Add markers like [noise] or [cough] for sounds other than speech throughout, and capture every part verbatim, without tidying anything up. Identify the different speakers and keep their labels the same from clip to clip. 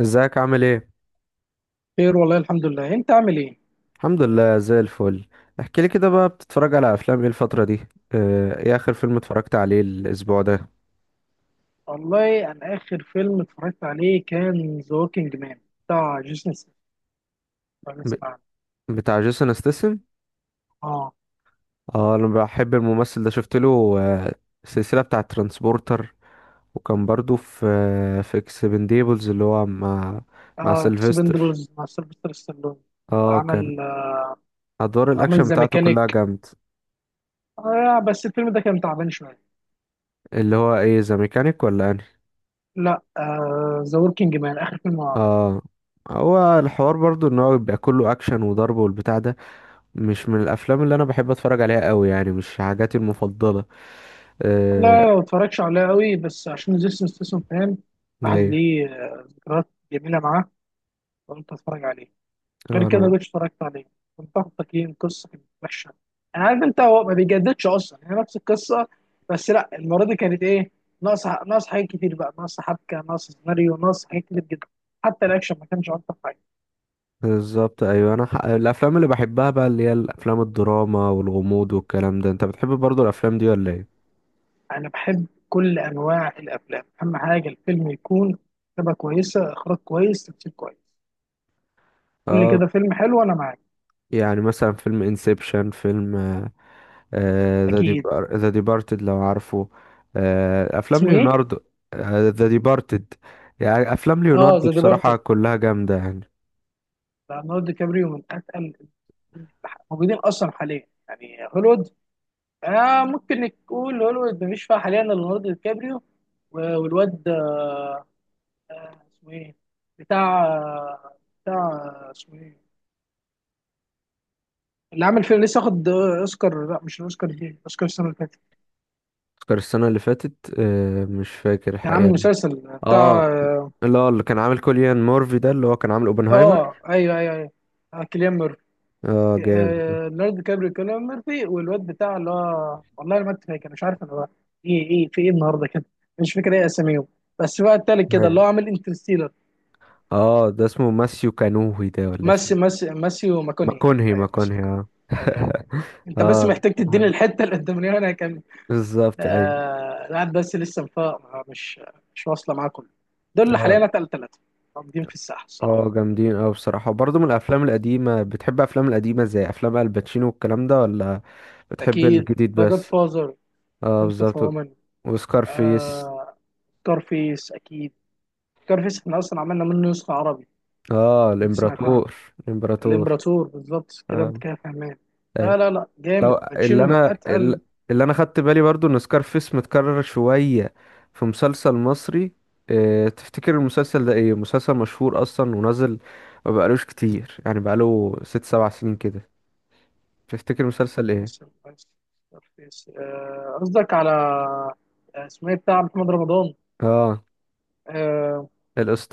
Speaker 1: ازيك؟ عامل ايه؟
Speaker 2: خير والله الحمد لله، انت عامل ايه؟
Speaker 1: الحمد لله زي الفل. احكي لي كده بقى، بتتفرج على افلام ايه الفتره دي؟ اه، ايه اخر فيلم اتفرجت عليه الاسبوع ده؟
Speaker 2: والله انا اخر فيلم اتفرجت عليه كان ذا ووكينج مان، بتاع جيسون ستاثام.
Speaker 1: ب...
Speaker 2: اسمع عنه.
Speaker 1: بتاع جيسون استسم.
Speaker 2: اه
Speaker 1: اه، انا بحب الممثل ده. شفت له اه، السلسله بتاع ترانسبورتر. وكان برضو في اه، في اكسبنديبلز اللي هو مع مع
Speaker 2: اه
Speaker 1: سيلفستر.
Speaker 2: اكسبندبلز مع سيلفستر ستالون
Speaker 1: اه، كان
Speaker 2: وعمل آه
Speaker 1: ادوار
Speaker 2: عمل
Speaker 1: الاكشن
Speaker 2: ذا
Speaker 1: بتاعته كلها
Speaker 2: ميكانيك.
Speaker 1: جامد.
Speaker 2: آه بس الفيلم ده كان تعبان شويه.
Speaker 1: اللي هو ايه، ذا ميكانيك ولا انهي؟
Speaker 2: لا، ذا ووكينج مان اخر فيلم هو عمله.
Speaker 1: اه، هو الحوار برضو ان هو بيبقى كله اكشن وضرب والبتاع ده مش من الافلام اللي انا بحب اتفرج عليها قوي، يعني مش حاجاتي المفضله. آه،
Speaker 2: والله ما اتفرجش عليه قوي، بس عشان جيسون ستاثام فاهم. واحد
Speaker 1: ايوه.
Speaker 2: ليه آه، ذكريات جميله معاه، قلت اتفرج عليه. غير
Speaker 1: آه،
Speaker 2: كده
Speaker 1: انا
Speaker 2: مش اتفرجت عليه. كنت واخد تقييم، قصه كانت وحشه. انا عارف انت، هو ما بيجددش اصلا، يعني هي نفس القصه، بس لا المره دي كانت ايه، ناقص ناقص حاجات كتير بقى، ناقص حبكه، ناقص سيناريو، ناقص حاجات كتير جدا. حتى الاكشن ما كانش اكتر حاجه.
Speaker 1: بالظبط. ايوه، انا ح... الافلام اللي بحبها بقى اللي هي الافلام الدراما والغموض والكلام ده. انت بتحب برضو الافلام دي ولا ايه؟
Speaker 2: انا بحب كل انواع الافلام، اهم حاجه الفيلم يكون كتابه كويسه، اخراج كويس، تمثيل كويس. قول لي
Speaker 1: اه،
Speaker 2: كده فيلم حلو انا معاك.
Speaker 1: يعني مثلا فيلم انسبشن، فيلم ذا
Speaker 2: اكيد.
Speaker 1: ديبار ذا ديبارتد لو عارفه. آه، افلام
Speaker 2: اسمه ايه؟
Speaker 1: ليوناردو. ذا ديبارتد. يعني افلام
Speaker 2: اه،
Speaker 1: ليوناردو
Speaker 2: ذا
Speaker 1: بصراحه
Speaker 2: ديبارتد.
Speaker 1: كلها جامده يعني.
Speaker 2: ليوناردو دي كابريو من اتقل الموجودين اصلا حاليا، يعني هوليوود. آه، ممكن نقول هوليوود مفيش فيها حاليا إلا ليوناردو دي كابريو. و- والواد آه، اسمه ايه، بتاع آه، بتاع آه، اسمه ايه، اللي عامل فيلم لسه واخد آه، اوسكار. لا مش الاوسكار دي، اوسكار السنه اللي فاتت.
Speaker 1: اوسكار السنه اللي فاتت، آه، مش فاكر
Speaker 2: كان عامل
Speaker 1: الحقيقه.
Speaker 2: مسلسل بتاع
Speaker 1: اه،
Speaker 2: اه
Speaker 1: لا، اللي كان عامل كوليان مورفي ده اللي هو كان عامل اوبنهايمر.
Speaker 2: آه، ايوه ايوه ايوه. آه، كيليان ميرفي.
Speaker 1: اه، جامد.
Speaker 2: آه، ليوناردو دي كابريو، كيليان ميرفي، والواد بتاع اللي هو، والله انا ما كنت فاكر، مش عارف انا بقى. ايه ايه في ايه النهارده كده، مش فاكر ايه اساميهم. بس بقى التالت كده
Speaker 1: أيوة.
Speaker 2: اللي هو عامل انترستيلر.
Speaker 1: اه، ده اسمه ماسيو كانوهي ده ولا
Speaker 2: ماسي
Speaker 1: اسمه
Speaker 2: ماسي ماسيو ماكونهي.
Speaker 1: ماكونهي؟
Speaker 2: ايوه ماسي
Speaker 1: ماكونهي،
Speaker 2: ماكونهي.
Speaker 1: اه.
Speaker 2: ايوه.
Speaker 1: [laughs]
Speaker 2: انت بس
Speaker 1: اه،
Speaker 2: محتاج تديني الحته القداميه وانا هكمل.
Speaker 1: بالظبط. اي،
Speaker 2: آه لا، بس لسه مفا- مش، مش واصله معاه كله. دول اللي
Speaker 1: اه،
Speaker 2: حاليا اتقل ثلاثه موجودين في الساحه الصراحه.
Speaker 1: اه، جامدين. اه، بصراحة برضه من الافلام القديمة. بتحب افلام القديمة زي افلام الباتشينو والكلام ده ولا بتحب
Speaker 2: اكيد.
Speaker 1: الجديد
Speaker 2: ذا جاد
Speaker 1: بس؟
Speaker 2: فازر،
Speaker 1: اه،
Speaker 2: بنت اوف
Speaker 1: بالظبط.
Speaker 2: وومن.
Speaker 1: وسكارفيس.
Speaker 2: آه كارفيس اكيد، كارفيس احنا اصلا عملنا منه نسخه عربي.
Speaker 1: اه،
Speaker 2: انت سمعتها؟
Speaker 1: الامبراطور. الامبراطور.
Speaker 2: الامبراطور. بالظبط كده، انت
Speaker 1: اه،
Speaker 2: كده فاهمان.
Speaker 1: أيوة.
Speaker 2: لا لا لا، جامد،
Speaker 1: لو اللي
Speaker 2: باتشينو من
Speaker 1: انا
Speaker 2: اتقل.
Speaker 1: ال- اللي انا خدت بالي برضو ان سكارفيس متكرر شوية في مسلسل مصري. اه، تفتكر المسلسل ده ايه؟ مسلسل مشهور اصلا ونزل ما بقالوش كتير، يعني بقاله ست سبع سنين كده. تفتكر مسلسل
Speaker 2: بس
Speaker 1: ايه؟
Speaker 2: بس بس- آه، قصدك على آه، اسمه ايه، بتاع محمد رمضان.
Speaker 1: اه،
Speaker 2: آه،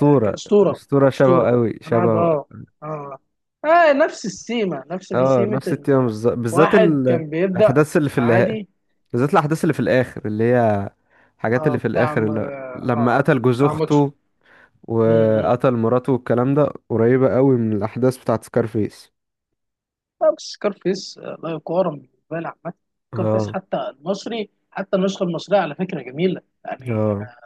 Speaker 2: آه، كأسطورة.
Speaker 1: الاسطورة شبهه
Speaker 2: أسطورة.
Speaker 1: قوي،
Speaker 2: أنا قاعد
Speaker 1: شبهه.
Speaker 2: اه. اه اه نفس السيمة، نفس دي
Speaker 1: اه،
Speaker 2: سيمة
Speaker 1: نفس التيمة،
Speaker 2: إن
Speaker 1: بالظ- بالذات
Speaker 2: واحد
Speaker 1: ال-
Speaker 2: كان بيبدأ.
Speaker 1: الاحداث اللي في النهاية،
Speaker 2: عادي.
Speaker 1: بالذات الاحداث اللي في الاخر، اللي هي الحاجات
Speaker 2: اه،
Speaker 1: اللي في
Speaker 2: بتاع
Speaker 1: الاخر،
Speaker 2: م- اه
Speaker 1: اللي لما
Speaker 2: آه،
Speaker 1: قتل جوز
Speaker 2: بتاع ماتش.
Speaker 1: اخته
Speaker 2: مم.
Speaker 1: وقتل مراته والكلام ده. قريبة قوي من الأحداث بتاعت سكارفيس.
Speaker 2: لا بس سكارفيس آه، لا يقارن بالنسبة لي عامة. سكارفيس
Speaker 1: اه،
Speaker 2: حتى المصري، حتى النسخة المصرية على فكرة جميلة، يعني
Speaker 1: اه،
Speaker 2: آه،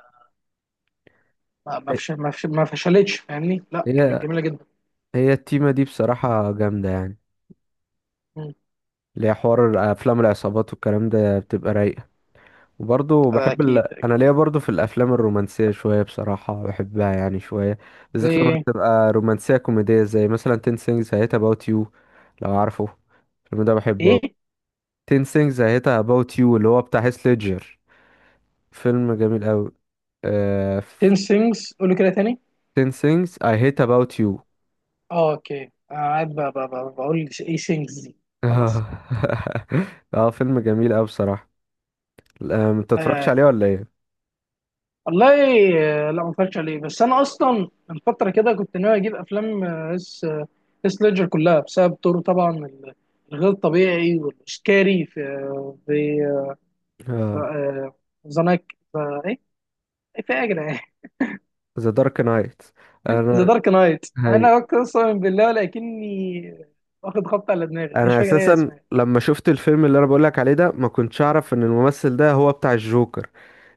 Speaker 2: ما ما فش- ما فش- ما فشلتش فاهمني، لا كانت
Speaker 1: هي
Speaker 2: جميلة جدا.
Speaker 1: هي التيمة دي بصراحة جامدة يعني. ليها حوار. أفلام العصابات والكلام ده بتبقى رايقة. وبرضه بحب ال...
Speaker 2: اكيد
Speaker 1: أنا
Speaker 2: اكيد
Speaker 1: ليا برضه في الأفلام الرومانسية شوية بصراحة، بحبها يعني شوية. بالذات لما
Speaker 2: زي
Speaker 1: تبقى رومانسية كوميدية، زي مثلا عشرة things I hate about you لو عارفه. الفيلم ده بحبه أوي.
Speaker 2: ايه
Speaker 1: عشرة things I hate about you اللي هو بتاع هيث ليدجر. فيلم جميل أوي. آه،
Speaker 2: تن things، قولوا كده تاني.
Speaker 1: عشرة things I hate about you.
Speaker 2: اه اوكي، انا قاعد ب- ب- ب- بقول ايه things دي.
Speaker 1: اه.
Speaker 2: خلاص.
Speaker 1: [laughs] آه، فيلم جميل أوي بصراحة. آه، ما تتفرجش
Speaker 2: آه.
Speaker 1: عليه ولا ايه؟
Speaker 2: والله، آه، لا ما اتفرجتش عليه. بس انا اصلا من فتره كده كنت ناوي اجيب افلام اس، اس ليدجر كلها، بسبب دوره طبعا ال- الغير طبيعي والسكاري في، في
Speaker 1: اه،
Speaker 2: ذا نايت، ايه، إيه في ايه يا جدعان،
Speaker 1: The Dark Knight.
Speaker 2: [laughs] ذا
Speaker 1: انا
Speaker 2: دارك نايت.
Speaker 1: هاي
Speaker 2: انا اقسم بالله لكني واخد خبط على دماغي، مش
Speaker 1: انا
Speaker 2: فاكر ايه
Speaker 1: اساسا
Speaker 2: اسمها.
Speaker 1: لما شفت الفيلم اللي انا بقولك عليه ده، ما كنتش اعرف ان الممثل ده هو بتاع الجوكر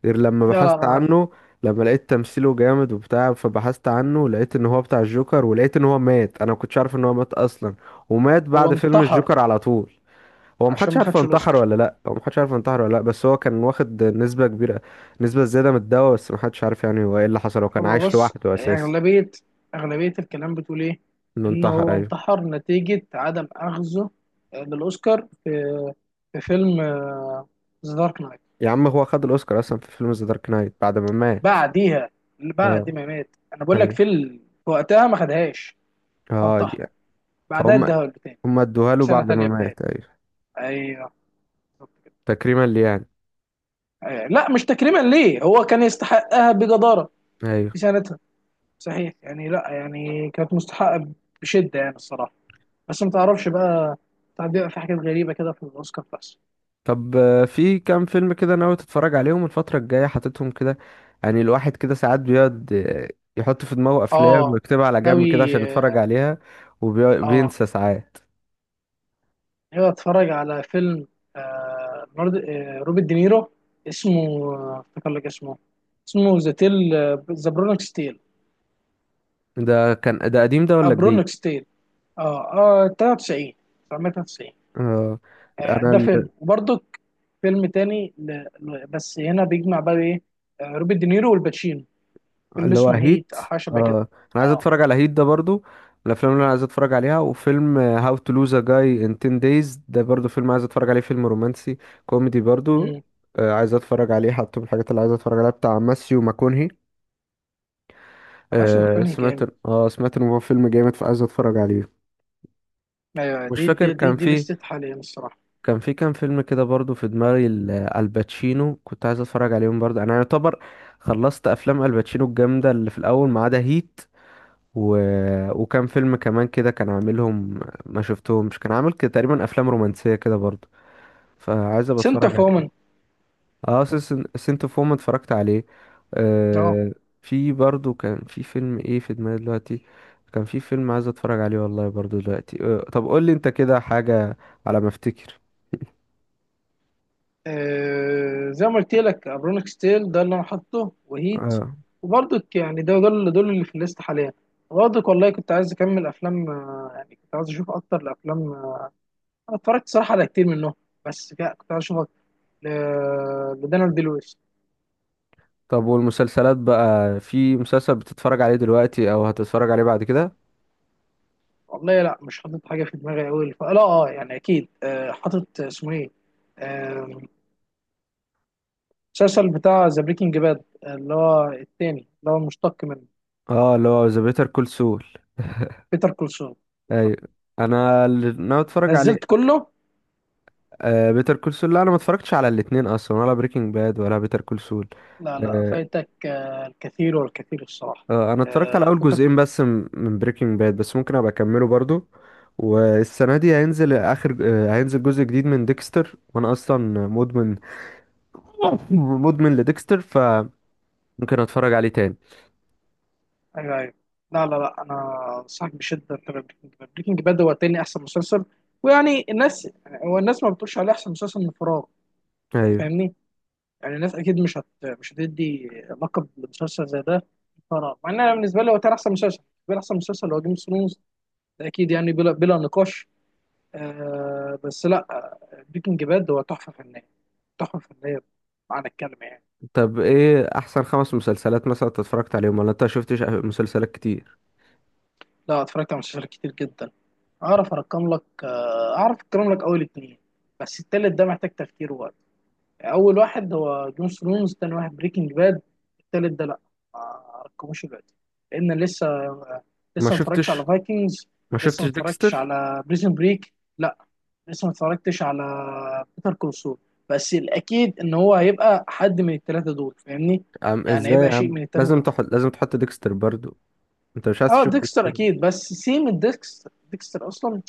Speaker 1: غير لما
Speaker 2: لا لا
Speaker 1: بحثت
Speaker 2: انا.
Speaker 1: عنه. لما لقيت تمثيله جامد وبتاع، فبحثت عنه لقيت ان هو بتاع الجوكر، ولقيت ان هو مات. انا ما كنتش عارف ان هو مات اصلا. ومات
Speaker 2: هو
Speaker 1: بعد فيلم
Speaker 2: انتحر
Speaker 1: الجوكر على طول. هو
Speaker 2: عشان
Speaker 1: محدش
Speaker 2: ما
Speaker 1: عارف هو
Speaker 2: خدش
Speaker 1: انتحر
Speaker 2: الاوسكار.
Speaker 1: ولا لا، هو محدش عارف هو انتحر ولا لا، بس هو كان واخد نسبة كبيرة، نسبة زيادة من الدواء، بس محدش عارف يعني هو ايه اللي حصل. هو كان
Speaker 2: هو
Speaker 1: عايش
Speaker 2: بص،
Speaker 1: لوحده اساسا.
Speaker 2: اغلبيه اغلبيه الكلام بتقول ايه،
Speaker 1: انه
Speaker 2: ان
Speaker 1: انتحر،
Speaker 2: هو
Speaker 1: ايوه.
Speaker 2: انتحر نتيجه عدم اخذه آه، للاوسكار في، في فيلم ذا دارك نايت.
Speaker 1: يا عم، هو خد الاوسكار اصلا في فيلم ذا دارك نايت بعد ما مات.
Speaker 2: بعديها، بعد
Speaker 1: اه،
Speaker 2: ما مات، انا بقول لك
Speaker 1: ايوه.
Speaker 2: في ال- في وقتها ما خدهاش،
Speaker 1: اه
Speaker 2: فانتحر.
Speaker 1: يعني.
Speaker 2: بعدها
Speaker 1: فهم.
Speaker 2: اداها له تاني
Speaker 1: هم ادوها
Speaker 2: في
Speaker 1: له
Speaker 2: سنه
Speaker 1: بعد ما
Speaker 2: تانيه بتاعي،
Speaker 1: مات، ايوه.
Speaker 2: ايوه بالظبط كده.
Speaker 1: تكريما ليه يعني؟
Speaker 2: أيوة. لا مش تكريما ليه، هو كان يستحقها بجداره
Speaker 1: ايوه.
Speaker 2: في سنتها. صحيح، يعني لا يعني كانت مستحقه بشده يعني الصراحه. بس ما تعرفش بقى، ساعات بيبقى في حاجات غريبة كده في الأوسكار بس.
Speaker 1: طب، آه، في كام فيلم كده ناوي تتفرج عليهم الفترة الجاية، حاططهم كده؟ يعني الواحد كده ساعات بيقعد، آه، يحط في دماغه أفلام
Speaker 2: اه
Speaker 1: ويكتبها على جنب
Speaker 2: ناوي.
Speaker 1: كده عشان يتفرج عليها.
Speaker 2: اه
Speaker 1: وبينسى ساعات.
Speaker 2: ناوي اتفرج على فيلم، آه نورد... آه روبرت دينيرو، اسمه آه، افتكر لك اسمه، اسمه ذا تيل، ذا برونكس تيل.
Speaker 1: ده كان، ده قديم ده ولا جديد؟
Speaker 2: برونكس تيل. اه. اه ثلاثه وتسعين، الف وتسعمية وتلاته وتسعين.
Speaker 1: آه،
Speaker 2: آه
Speaker 1: أنا
Speaker 2: ده فيلم
Speaker 1: ال-
Speaker 2: وبرضك فيلم تاني ل... ل- بس هنا بيجمع بقى ايه، آه روبرت دينيرو والباتشينو، فيلم
Speaker 1: اللي هو
Speaker 2: اسمه هيت
Speaker 1: هيت.
Speaker 2: او حاجه شبه
Speaker 1: آه،
Speaker 2: كده.
Speaker 1: أنا عايز
Speaker 2: اه.
Speaker 1: أتفرج على هيت ده برضو، من الأفلام اللي أنا عايز أتفرج عليها. وفيلم هاو تو لوز أ جاي إن عشرة دايز ده برضو فيلم عايز أتفرج عليه، فيلم رومانسي كوميدي برضو.
Speaker 2: امم.
Speaker 1: آه، عايز أتفرج عليه، حاطه من الحاجات اللي عايز أتفرج عليها، بتاع ماسيو ماكونهي.
Speaker 2: ماشي،
Speaker 1: آه
Speaker 2: بيكون
Speaker 1: سمعت
Speaker 2: جامد.
Speaker 1: اه سمعت ان هو فيلم جامد، فعايز اتفرج عليه.
Speaker 2: ايوه،
Speaker 1: مش
Speaker 2: دي
Speaker 1: فاكر،
Speaker 2: دي دي,
Speaker 1: كان
Speaker 2: دي
Speaker 1: في
Speaker 2: لستة حاليا الصراحه.
Speaker 1: كان في كام فيلم كده برضو في دماغي، ال- الباتشينو، كنت عايز اتفرج عليهم برضو. انا يعتبر خلصت افلام الباتشينو الجامده اللي في الاول ما عدا هيت، و... وكان فيلم كمان كده كان عاملهم، ما شفتهمش. كان عامل كده تقريبا افلام رومانسيه كده برضو، فعايز ابقى
Speaker 2: سنتر
Speaker 1: اتفرج.
Speaker 2: فومن.
Speaker 1: اه، سنت اوف وومن اتفرجت عليه.
Speaker 2: اه.
Speaker 1: آه، في برضو كان في فيلم ايه في دماغي دلوقتي؟ كان في فيلم عايز اتفرج عليه والله برضو دلوقتي، آه طب قول لي انت كده حاجة على ما افتكر.
Speaker 2: آه، زي ما قلت لك، ابرونيك ستيل ده اللي انا حاطه، وهيت.
Speaker 1: آه،
Speaker 2: وبرضك يعني، ده دول، دول اللي في الليست حاليا. برضك والله كنت عايز اكمل افلام، آه، يعني كنت عايز اشوف اكتر الافلام، آه، انا اتفرجت صراحه على كتير منهم، بس لا، كنت عايز اشوف أكتر ل- لدانيال دي لويس.
Speaker 1: طب والمسلسلات بقى، في مسلسل بتتفرج عليه دلوقتي او هتتفرج عليه بعد كده؟
Speaker 2: والله لا، مش حاطط حاجه في دماغي قوي. لا اه، يعني اكيد آه، حاطط اسمه ايه، آه، المسلسل بتاع ذا بريكنج باد اللي هو التاني، اللي هو مشتق منه.
Speaker 1: اه، اللي هو ذا بيتر كول سول.
Speaker 2: بيتر كولسون. بالظبط.
Speaker 1: ايوه، انا اللي ناوي اتفرج عليه.
Speaker 2: نزلت كله.
Speaker 1: آه بيتر كول سول. لا، انا ما اتفرجتش على الاتنين اصلا، ولا بريكنج باد ولا بيتر كول سول.
Speaker 2: لا لا فايتك آه، الكثير والكثير الصراحه.
Speaker 1: آه، انا اتفرجت على
Speaker 2: آه،
Speaker 1: اول
Speaker 2: بيتر
Speaker 1: جزئين
Speaker 2: كول،
Speaker 1: بس م- من بريكنج باد، بس ممكن ابقى اكمله برضو. والسنه دي هينزل اخر آه، هينزل جزء جديد من ديكستر، وانا اصلا مدمن. [laughs] مدمن لديكستر، فممكن اتفرج عليه تاني.
Speaker 2: ايوه ايوه. لا لا لا، انا انصحك بشده تبقى بريكنج باد. بريكنج باد هو تاني احسن مسلسل، ويعني الناس، هو الناس ما بتقولش عليه احسن مسلسل من فراغ،
Speaker 1: ايوه.
Speaker 2: فاهمني. يعني الناس اكيد مش هت مش هتدي لقب لمسلسل زي ده فراغ. مع ان انا بالنسبه لي هو تاني احسن مسلسل. بالنسبه لي احسن مسلسل هو جيم اوف ثرونز، ده اكيد يعني بلا بلا نقاش. آه بس لا آه، بريكنج باد هو تحفه فنيه، تحفه فنيه معنى الكلمه يعني.
Speaker 1: طب، ايه احسن خمس مسلسلات مثلا انت اتفرجت عليهم؟ ولا انت شفتش مسلسلات كتير؟
Speaker 2: لا اتفرجت على مسلسلات كتير جدا. اعرف ارقم لك، آه، اعرف ارقم لك اول اتنين، بس التالت ده محتاج تفكير ووقت. اول واحد هو جون ثرونز، تاني واحد بريكنج باد، التالت ده لا ما ارقموش دلوقتي، لان لسه آه،
Speaker 1: ما
Speaker 2: لسه ما اتفرجتش على
Speaker 1: شفتش
Speaker 2: فايكنجز،
Speaker 1: ما
Speaker 2: لسه
Speaker 1: شفتش
Speaker 2: ما اتفرجتش
Speaker 1: ديكستر.
Speaker 2: على بريزن بريك، لا لسه ما اتفرجتش على بيتر كولسول. بس الاكيد ان هو هيبقى حد من الثلاثه دول فاهمني،
Speaker 1: عم،
Speaker 2: يعني
Speaker 1: ازاي يا
Speaker 2: هيبقى شيء
Speaker 1: عم؟
Speaker 2: من الثلاثه
Speaker 1: لازم
Speaker 2: دول.
Speaker 1: تحط لازم تحط ديكستر برضو. انت مش عايز
Speaker 2: اه
Speaker 1: تشوف
Speaker 2: ديكستر
Speaker 1: ديكستر؟
Speaker 2: اكيد، بس سيم ديكستر، ديكستر اصلا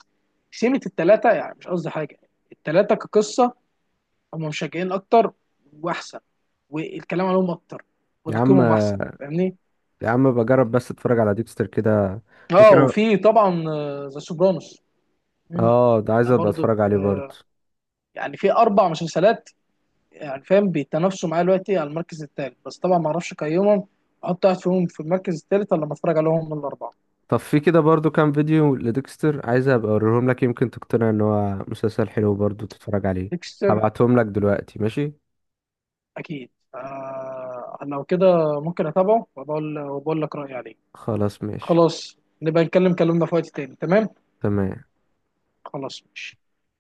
Speaker 2: سيمة الثلاثه، يعني مش قصدي حاجه، الثلاثه كقصه هم مشجعين اكتر واحسن، والكلام عليهم اكتر،
Speaker 1: يا عم،
Speaker 2: وتقييمهم احسن فاهمني.
Speaker 1: يا عم، بجرب بس اتفرج على ديكستر كده،
Speaker 2: اه
Speaker 1: ممكن.
Speaker 2: وفي طبعا ذا سوبرانوس
Speaker 1: اه، ده عايز
Speaker 2: ده
Speaker 1: ابقى
Speaker 2: برضو.
Speaker 1: اتفرج عليه برضه.
Speaker 2: يعني في اربع مسلسلات يعني فاهم بيتنافسوا معاه دلوقتي على المركز الثالث، بس طبعا ما اعرفش اقيمهم احط واحد فيهم في المركز الثالث، ولا لما اتفرج عليهم من الاربعه.
Speaker 1: طب في كده برضه كام فيديو لديكستر عايز ابقى اوريهم لك، يمكن تقتنع ان هو مسلسل حلو برضه تتفرج عليه.
Speaker 2: ديكستر
Speaker 1: هبعتهم لك دلوقتي، ماشي؟
Speaker 2: اكيد. آه لو كده ممكن اتابعه وبقول، وبقول لك رايي عليه.
Speaker 1: خلاص، ماشي.
Speaker 2: خلاص، نبقى نتكلم كلامنا في وقت تاني. تمام.
Speaker 1: تمام.
Speaker 2: خلاص ماشي.